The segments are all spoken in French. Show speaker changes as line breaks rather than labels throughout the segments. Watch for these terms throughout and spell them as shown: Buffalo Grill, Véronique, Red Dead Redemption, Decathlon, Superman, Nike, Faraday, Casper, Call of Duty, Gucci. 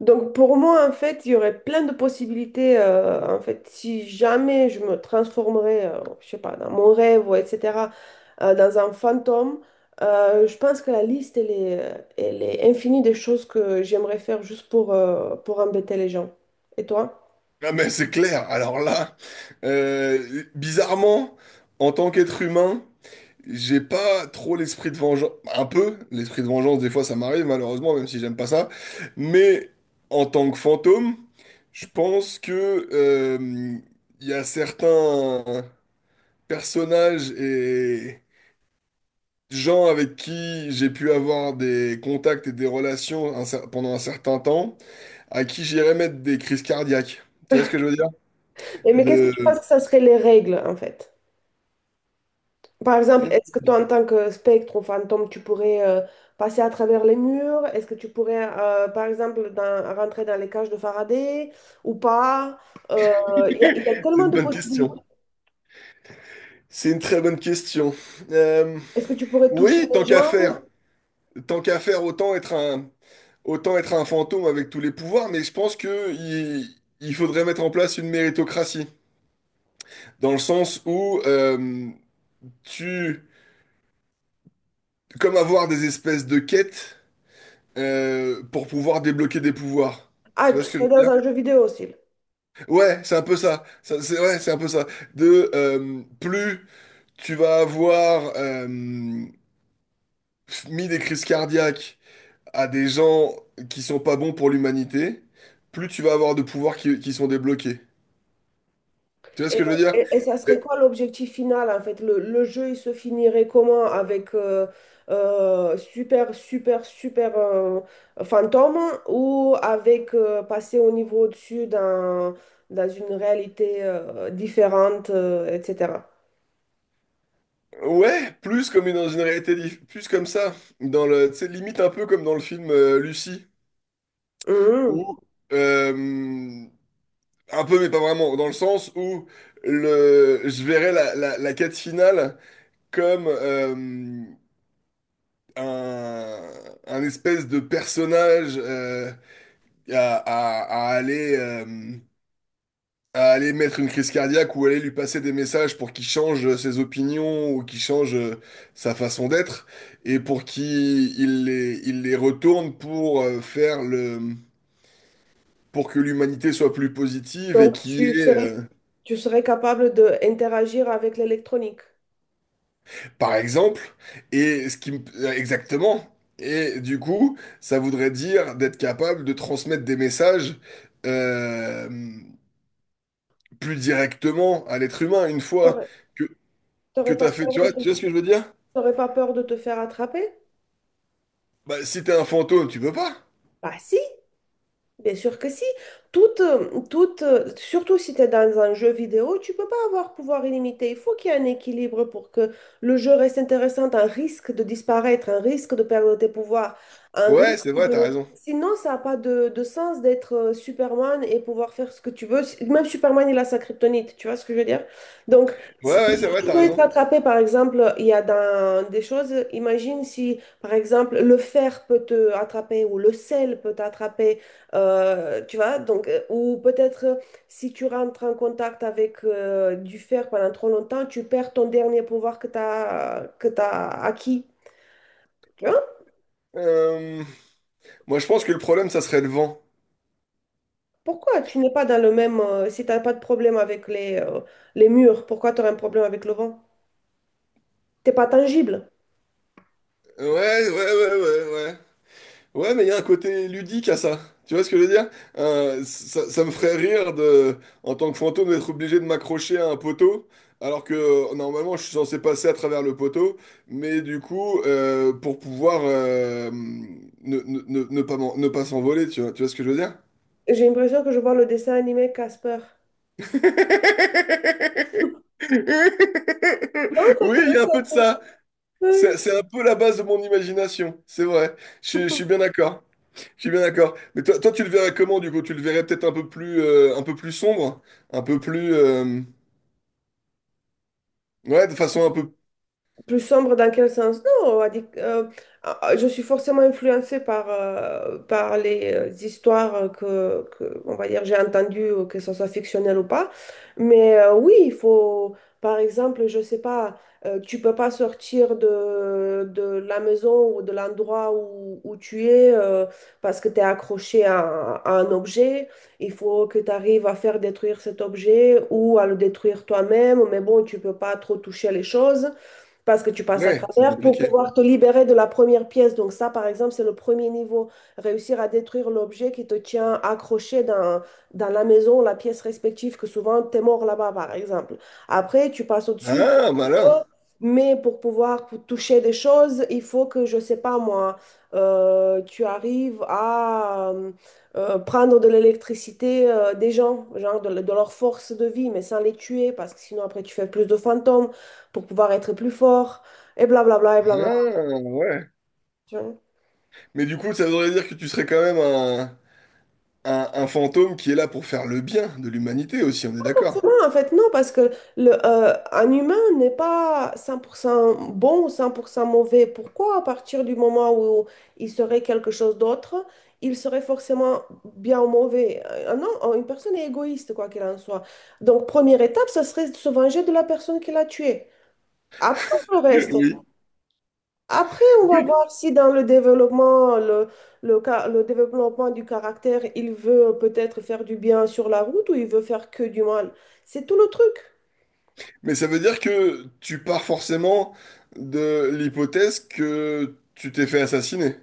Donc pour moi, en fait, il y aurait plein de possibilités. En fait, si jamais je me transformerais, je sais pas, dans mon rêve, ou etc., dans un fantôme, je pense que la liste, elle est infinie des choses que j'aimerais faire juste pour embêter les gens. Et toi?
Ah mais c'est clair. Alors là, bizarrement, en tant qu'être humain, j'ai pas trop l'esprit de vengeance. Un peu, l'esprit de vengeance, des fois ça m'arrive malheureusement, même si j'aime pas ça. Mais en tant que fantôme, je pense que euh, il y a certains personnages et gens avec qui j'ai pu avoir des contacts et des relations pendant un certain temps, à qui j'irais mettre des crises cardiaques. Tu vois ce que je veux dire?
Et mais qu'est-ce que tu penses
De...
que ça serait les règles, en fait? Par exemple, est-ce que toi, en tant que spectre ou fantôme, tu pourrais passer à travers les murs? Est-ce que tu pourrais, par exemple, rentrer dans les cages de Faraday ou pas? Euh, il y a
C'est
tellement
une
de
bonne question.
possibilités.
C'est une très bonne question. Euh,
Est-ce que tu pourrais toucher
oui,
les
tant qu'à
gens?
faire. Tant qu'à faire, autant être un fantôme avec tous les pouvoirs, mais je pense que il faudrait mettre en place une méritocratie. Dans le sens où tu. Comme avoir des espèces de quêtes pour pouvoir débloquer des pouvoirs.
Ah,
Tu vois
tu
ce que je
serais
veux
dans
dire?
un jeu vidéo aussi.
Ouais, c'est un peu ça. Ça, c'est ouais, c'est un peu ça. De plus tu vas avoir mis des crises cardiaques à des gens qui sont pas bons pour l'humanité, plus tu vas avoir de pouvoirs qui sont débloqués. Tu vois ce
Et,
que je veux dire?
et ça
Euh,
serait quoi l'objectif final en fait? Le jeu, il se finirait comment? Avec super, super, super fantôme ou avec passer au niveau au-dessus dans une réalité différente, etc.
ouais, plus comme dans une réalité, plus comme ça, dans le, tu sais, limite un peu comme dans le film Lucie,
Mhm.
où euh, un peu mais pas vraiment, dans le sens où le, je verrais la quête finale comme un, un espèce de personnage à, à, à aller euh, à aller mettre une crise cardiaque ou aller lui passer des messages pour qu'il change ses opinions ou qu'il change sa façon d'être et pour qu'il il les retourne pour faire le pour que l'humanité soit plus positive et
Donc
qu'il y ait,
tu serais capable d'interagir avec l'électronique.
par exemple, et ce qui me- exactement. Et du coup, ça voudrait dire d'être capable de transmettre des messages euh, plus directement à l'être humain une fois
T'aurais
que, que
t'aurais
tu
pas
as fait,
peur de
tu
te,
vois ce que je veux dire?
t'aurais pas peur de te faire attraper?
Bah, si t'es un fantôme, tu peux pas.
Bah si! Bien sûr que si. Surtout si tu es dans un jeu vidéo, tu peux pas avoir pouvoir illimité. Il faut qu'il y ait un équilibre pour que le jeu reste intéressant, un risque de disparaître, un risque de perdre tes pouvoirs, un
Ouais,
risque
c'est vrai, t'as
de.
raison.
Sinon, ça n'a pas de sens d'être Superman et pouvoir faire ce que tu veux. Si, même Superman, il a sa kryptonite, tu vois ce que je veux dire? Donc,
Ouais, ouais, c'est vrai,
tu
t'as
peux être
raison.
attrapé par exemple, il y a dans des choses, imagine si, par exemple, le fer peut te attraper ou le sel peut t'attraper, tu vois, donc, ou peut-être si tu rentres en contact avec du fer pendant trop longtemps, tu perds ton dernier pouvoir que tu as, que tu acquis. Tu vois?
Euh, Moi, je pense que le problème, ça serait le vent.
Pourquoi tu n'es pas dans le même, si tu n'as pas de problème avec les murs, pourquoi tu aurais un problème avec le vent? T'es pas tangible.
Ouais, ouais, ouais, ouais, ouais. Ouais, mais il y a un côté ludique à ça. Tu vois ce que je veux dire? Ça, ça me ferait rire de, en tant que fantôme, d'être obligé de m'accrocher à un poteau, alors que normalement, je suis censé passer à travers le poteau. Mais du coup, pour pouvoir ne pas ne pas s'envoler, tu vois ce que je veux dire?
J'ai l'impression que je vois le dessin animé Casper. Non,
Oui, il y a un peu de ça. C'est
ouais.
c'est un peu la base de mon imagination, c'est vrai. Je suis bien d'accord. Je suis bien d'accord. Mais toi, tu le verrais comment, du coup? Tu le verrais peut-être un peu plus sombre, un peu plus, ouais, de façon un peu.
Plus sombre dans quel sens? Non, on a dit que, je suis forcément influencée par les histoires que, on va dire, j'ai entendues, que ce soit fictionnel ou pas. Mais oui, il faut, par exemple, je sais pas, tu peux pas sortir de la maison ou de l'endroit où tu es parce que tu es accroché à un objet. Il faut que tu arrives à faire détruire cet objet ou à le détruire toi-même. Mais bon, tu peux pas trop toucher les choses parce que tu passes à
Ouais, c'est
travers pour
compliqué.
pouvoir te libérer de la première pièce. Donc ça, par exemple, c'est le premier niveau, réussir à détruire l'objet qui te tient accroché dans la maison, la pièce respective, que souvent, t'es mort là-bas, par exemple. Après, tu passes au-dessus,
Ah, malin.
mais pour pouvoir toucher des choses, il faut que, je sais pas moi, tu arrives à prendre de l'électricité des gens, genre de leur force de vie, mais sans les tuer, parce que sinon après tu fais plus de fantômes pour pouvoir être plus fort, et blablabla, et blablabla.
Ah, ouais. Mais du coup, ça voudrait dire que tu serais quand même un fantôme qui est là pour faire le bien de l'humanité aussi. On est d'accord?
Non, en fait, non, parce que un humain n'est pas 100% bon ou 100% mauvais. Pourquoi, à partir du moment où il serait quelque chose d'autre, il serait forcément bien ou mauvais? Non, une personne est égoïste, quoi qu'il en soit. Donc, première étape, ça serait de se venger de la personne qui l'a tué. Après, le reste.
Oui,
Après, on va
oui.
voir si dans le développement, le développement du caractère, il veut peut-être faire du bien sur la route ou il veut faire que du mal. C'est tout le truc.
Mais ça veut dire que tu pars forcément de l'hypothèse que tu t'es fait assassiner.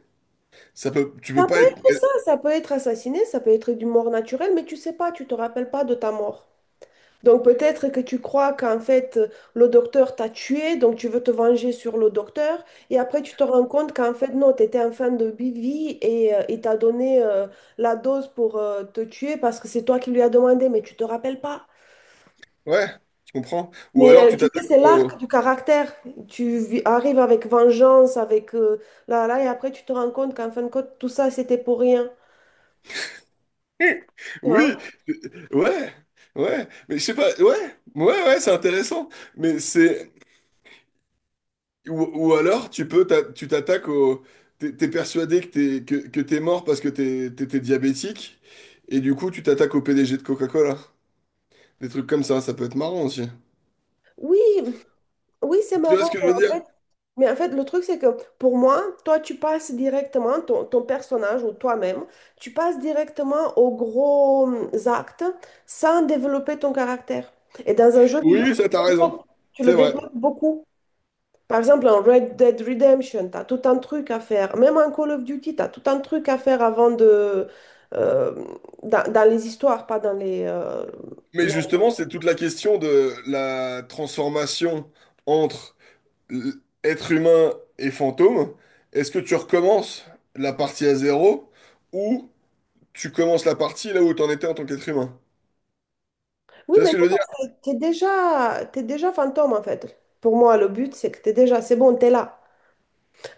Ça peut, tu peux
Ça peut
pas être.
être ça, ça peut être assassiné, ça peut être du mort naturel, mais tu sais pas, tu te rappelles pas de ta mort. Donc peut-être que tu crois qu'en fait le docteur t'a tué, donc tu veux te venger sur le docteur, et après tu te rends compte qu'en fait non, tu étais en fin de vie et il t'a donné la dose pour te tuer parce que c'est toi qui lui as demandé, mais tu te rappelles pas.
Ouais, je comprends. Ou
Mais
alors tu
tu sais,
t'attaques
c'est l'arc
au.
du caractère. Tu arrives avec vengeance, avec là, et après tu te rends compte qu'en fin de compte tout ça c'était pour rien. Tu vois?
Oui, ouais, ouais. Mais je sais pas. Ouais, ouais, ouais, c'est intéressant. Mais c'est. Ou, ou alors tu peux, tu t'attaques au. T'es persuadé que t'es mort parce que t'étais diabétique et du coup tu t'attaques au PDG de Coca-Cola. Des trucs comme ça peut être marrant aussi.
Oui, oui, c'est
Tu vois
marrant,
ce que je
mais
veux
en fait,
dire?
le truc, c'est que pour moi, toi, tu passes directement, ton personnage ou toi-même, tu passes directement aux gros actes sans développer ton caractère. Et dans un jeu vidéo,
Oui, ça, t'as
tu le
raison.
développes tu le
C'est vrai.
développes beaucoup. Par exemple, en Red Dead Redemption, tu as tout un truc à faire. Même en Call of Duty, tu as tout un truc à faire avant de. euh, dans les histoires, pas dans les,
Mais justement, c'est toute la question de la transformation entre l- être humain et fantôme. Est-ce que tu recommences la partie à zéro ou tu commences la partie là où t'en étais en tant qu'être humain?
Oui,
Tu vois
mais
ce que je
non,
veux dire?
parce que t'es déjà fantôme en fait. Pour moi, le but, c'est que t'es déjà, c'est bon, t'es là.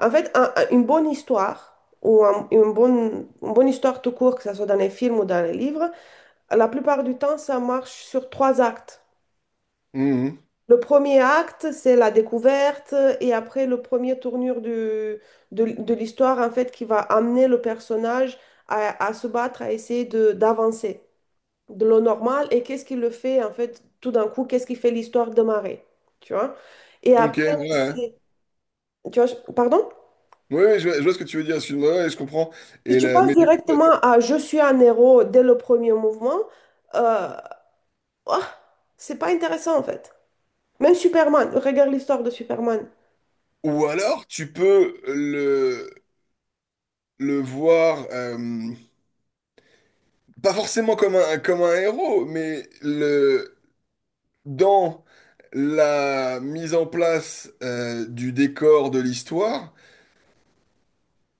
En fait, une bonne histoire, ou une bonne histoire tout court, que ce soit dans les films ou dans les livres, la plupart du temps, ça marche sur trois actes.
Mhm.
Le premier acte, c'est la découverte, et après, le premier tournure de l'histoire, en fait, qui va amener le personnage à se battre, à essayer d'avancer de l'eau normale. Et qu'est-ce qui le fait en fait tout d'un coup, qu'est-ce qui fait l'histoire démarrer, tu vois. Et
Ok,
après
ouais. Ouais.
c'est- tu vois, pardon,
Oui, oui, je vois ce que tu veux dire. Excuse-moi, ouais, je comprends.
si
Et
tu passes
mais du coup,
directement à je suis un héros dès le premier mouvement, euh, ah, c'est pas intéressant en fait. Même Superman, regarde l'histoire de Superman.
ou alors, tu peux le voir, pas forcément comme un héros, mais le, dans la mise en place du décor de l'histoire,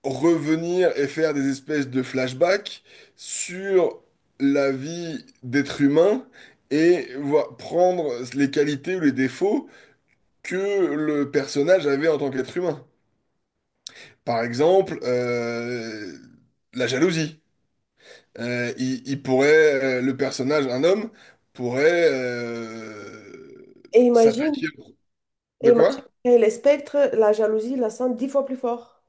revenir et faire des espèces de flashbacks sur la vie d'être humain et prendre les qualités ou les défauts que le personnage avait en tant qu'être humain. Par exemple, la jalousie. Il il pourrait, le personnage, un homme, pourrait
et imagine
s'attaquer. De
et imagine
quoi?
et les spectres, la jalousie, la sang 10 fois plus fort.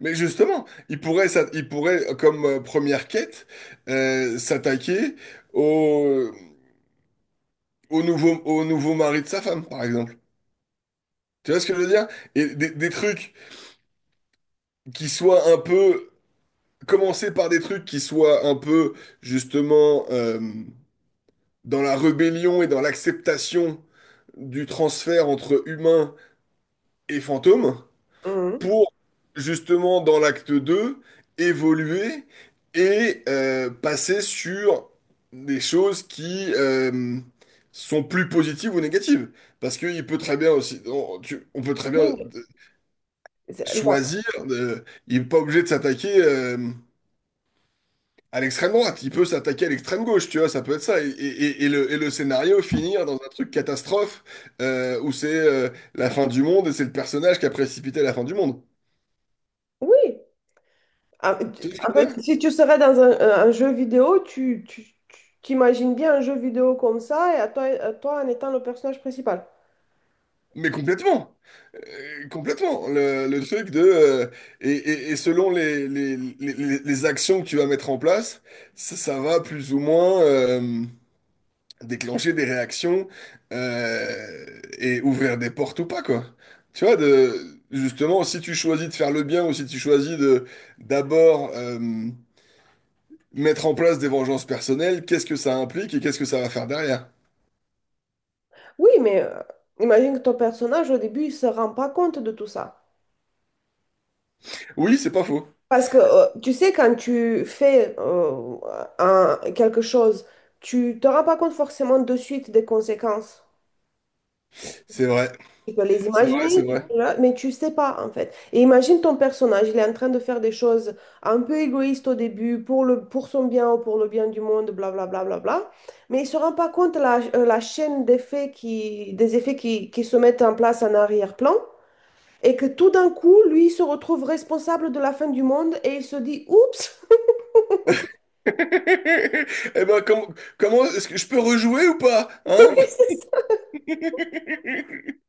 Mais justement, il pourrait, il pourrait comme première quête, s'attaquer au, au au nouveau mari de sa femme, par exemple. Tu vois ce que je veux dire? Et des trucs qui soient un peu... Commencer par des trucs qui soient un peu, justement, dans la rébellion et dans l'acceptation du transfert entre humains et fantômes,
Mhm.
pour justement dans l'acte 2 évoluer et passer sur des choses qui sont plus positives ou négatives. Parce qu'il peut très bien aussi, on peut très bien
Oui mais c'est- la-
choisir, il n'est pas obligé de s'attaquer à l'extrême droite, il peut s'attaquer à l'extrême gauche, tu vois, ça peut être ça. Et le scénario finir dans un truc catastrophe où c'est la fin du monde et c'est le personnage qui a précipité la fin du monde.
oui. En
Tu vois ce
en
que je veux
fait,
dire.
si tu serais dans un jeu vidéo, tu t'imagines bien un jeu vidéo comme ça et à toi en étant le personnage principal.
Mais complètement. Complètement. Le truc de et selon les actions que tu vas mettre en place, ça va plus ou moins déclencher des réactions euh, et ouvrir des portes ou pas quoi. Tu vois, de, justement, si tu choisis de faire le bien ou si tu choisis de d'abord mettre en place des vengeances personnelles, qu'est-ce que ça implique et qu'est-ce que ça va faire derrière?
Oui, mais imagine que ton personnage, au début, il se rend pas compte de tout ça.
Oui, c'est pas faux.
Parce que tu sais, quand tu fais quelque chose, tu te rends pas compte forcément de suite des conséquences.
C'est vrai,
Tu peux les
c'est vrai, c'est
imaginer, tu
vrai.
sais là, mais tu sais pas en fait. Et imagine ton personnage, il est en train de faire des choses un peu égoïstes au début pour pour son bien ou pour le bien du monde, blablabla, bla, bla, bla, bla. Mais il se rend pas compte la chaîne d'effets des effets qui se mettent en place en arrière-plan et que tout d'un coup, lui, il se retrouve responsable de la fin du monde et il se dit, oups.
Eh ben, comment est-ce que je peux rejouer ou pas? Hein?
Oui, c'est ça.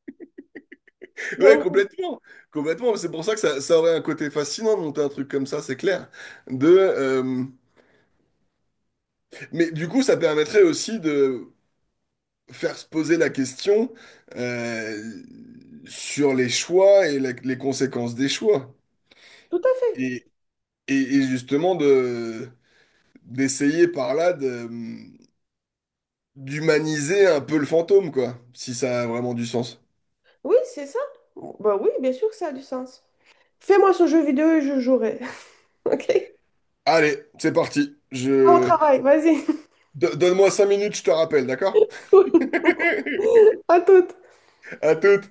Ouais,
Donc,
complètement. Complètement. C'est pour ça que ça aurait un côté fascinant de monter un truc comme ça, c'est clair. De, mais du coup, ça permettrait aussi de faire se poser la question euh, sur les choix et les conséquences des choix.
tout à fait.
Et, et justement, de, d'essayer par là de, d'humaniser un peu le fantôme, quoi, si ça a vraiment du sens.
Oui, c'est ça. Bah oui, bien sûr que ça a du sens. Fais-moi ce jeu vidéo et je jouerai. OK?
Allez, c'est parti.
Au
Je...
travail, vas-y.
Donne-moi 5 minutes, je te rappelle, d'accord?
À toutes.
À toutes.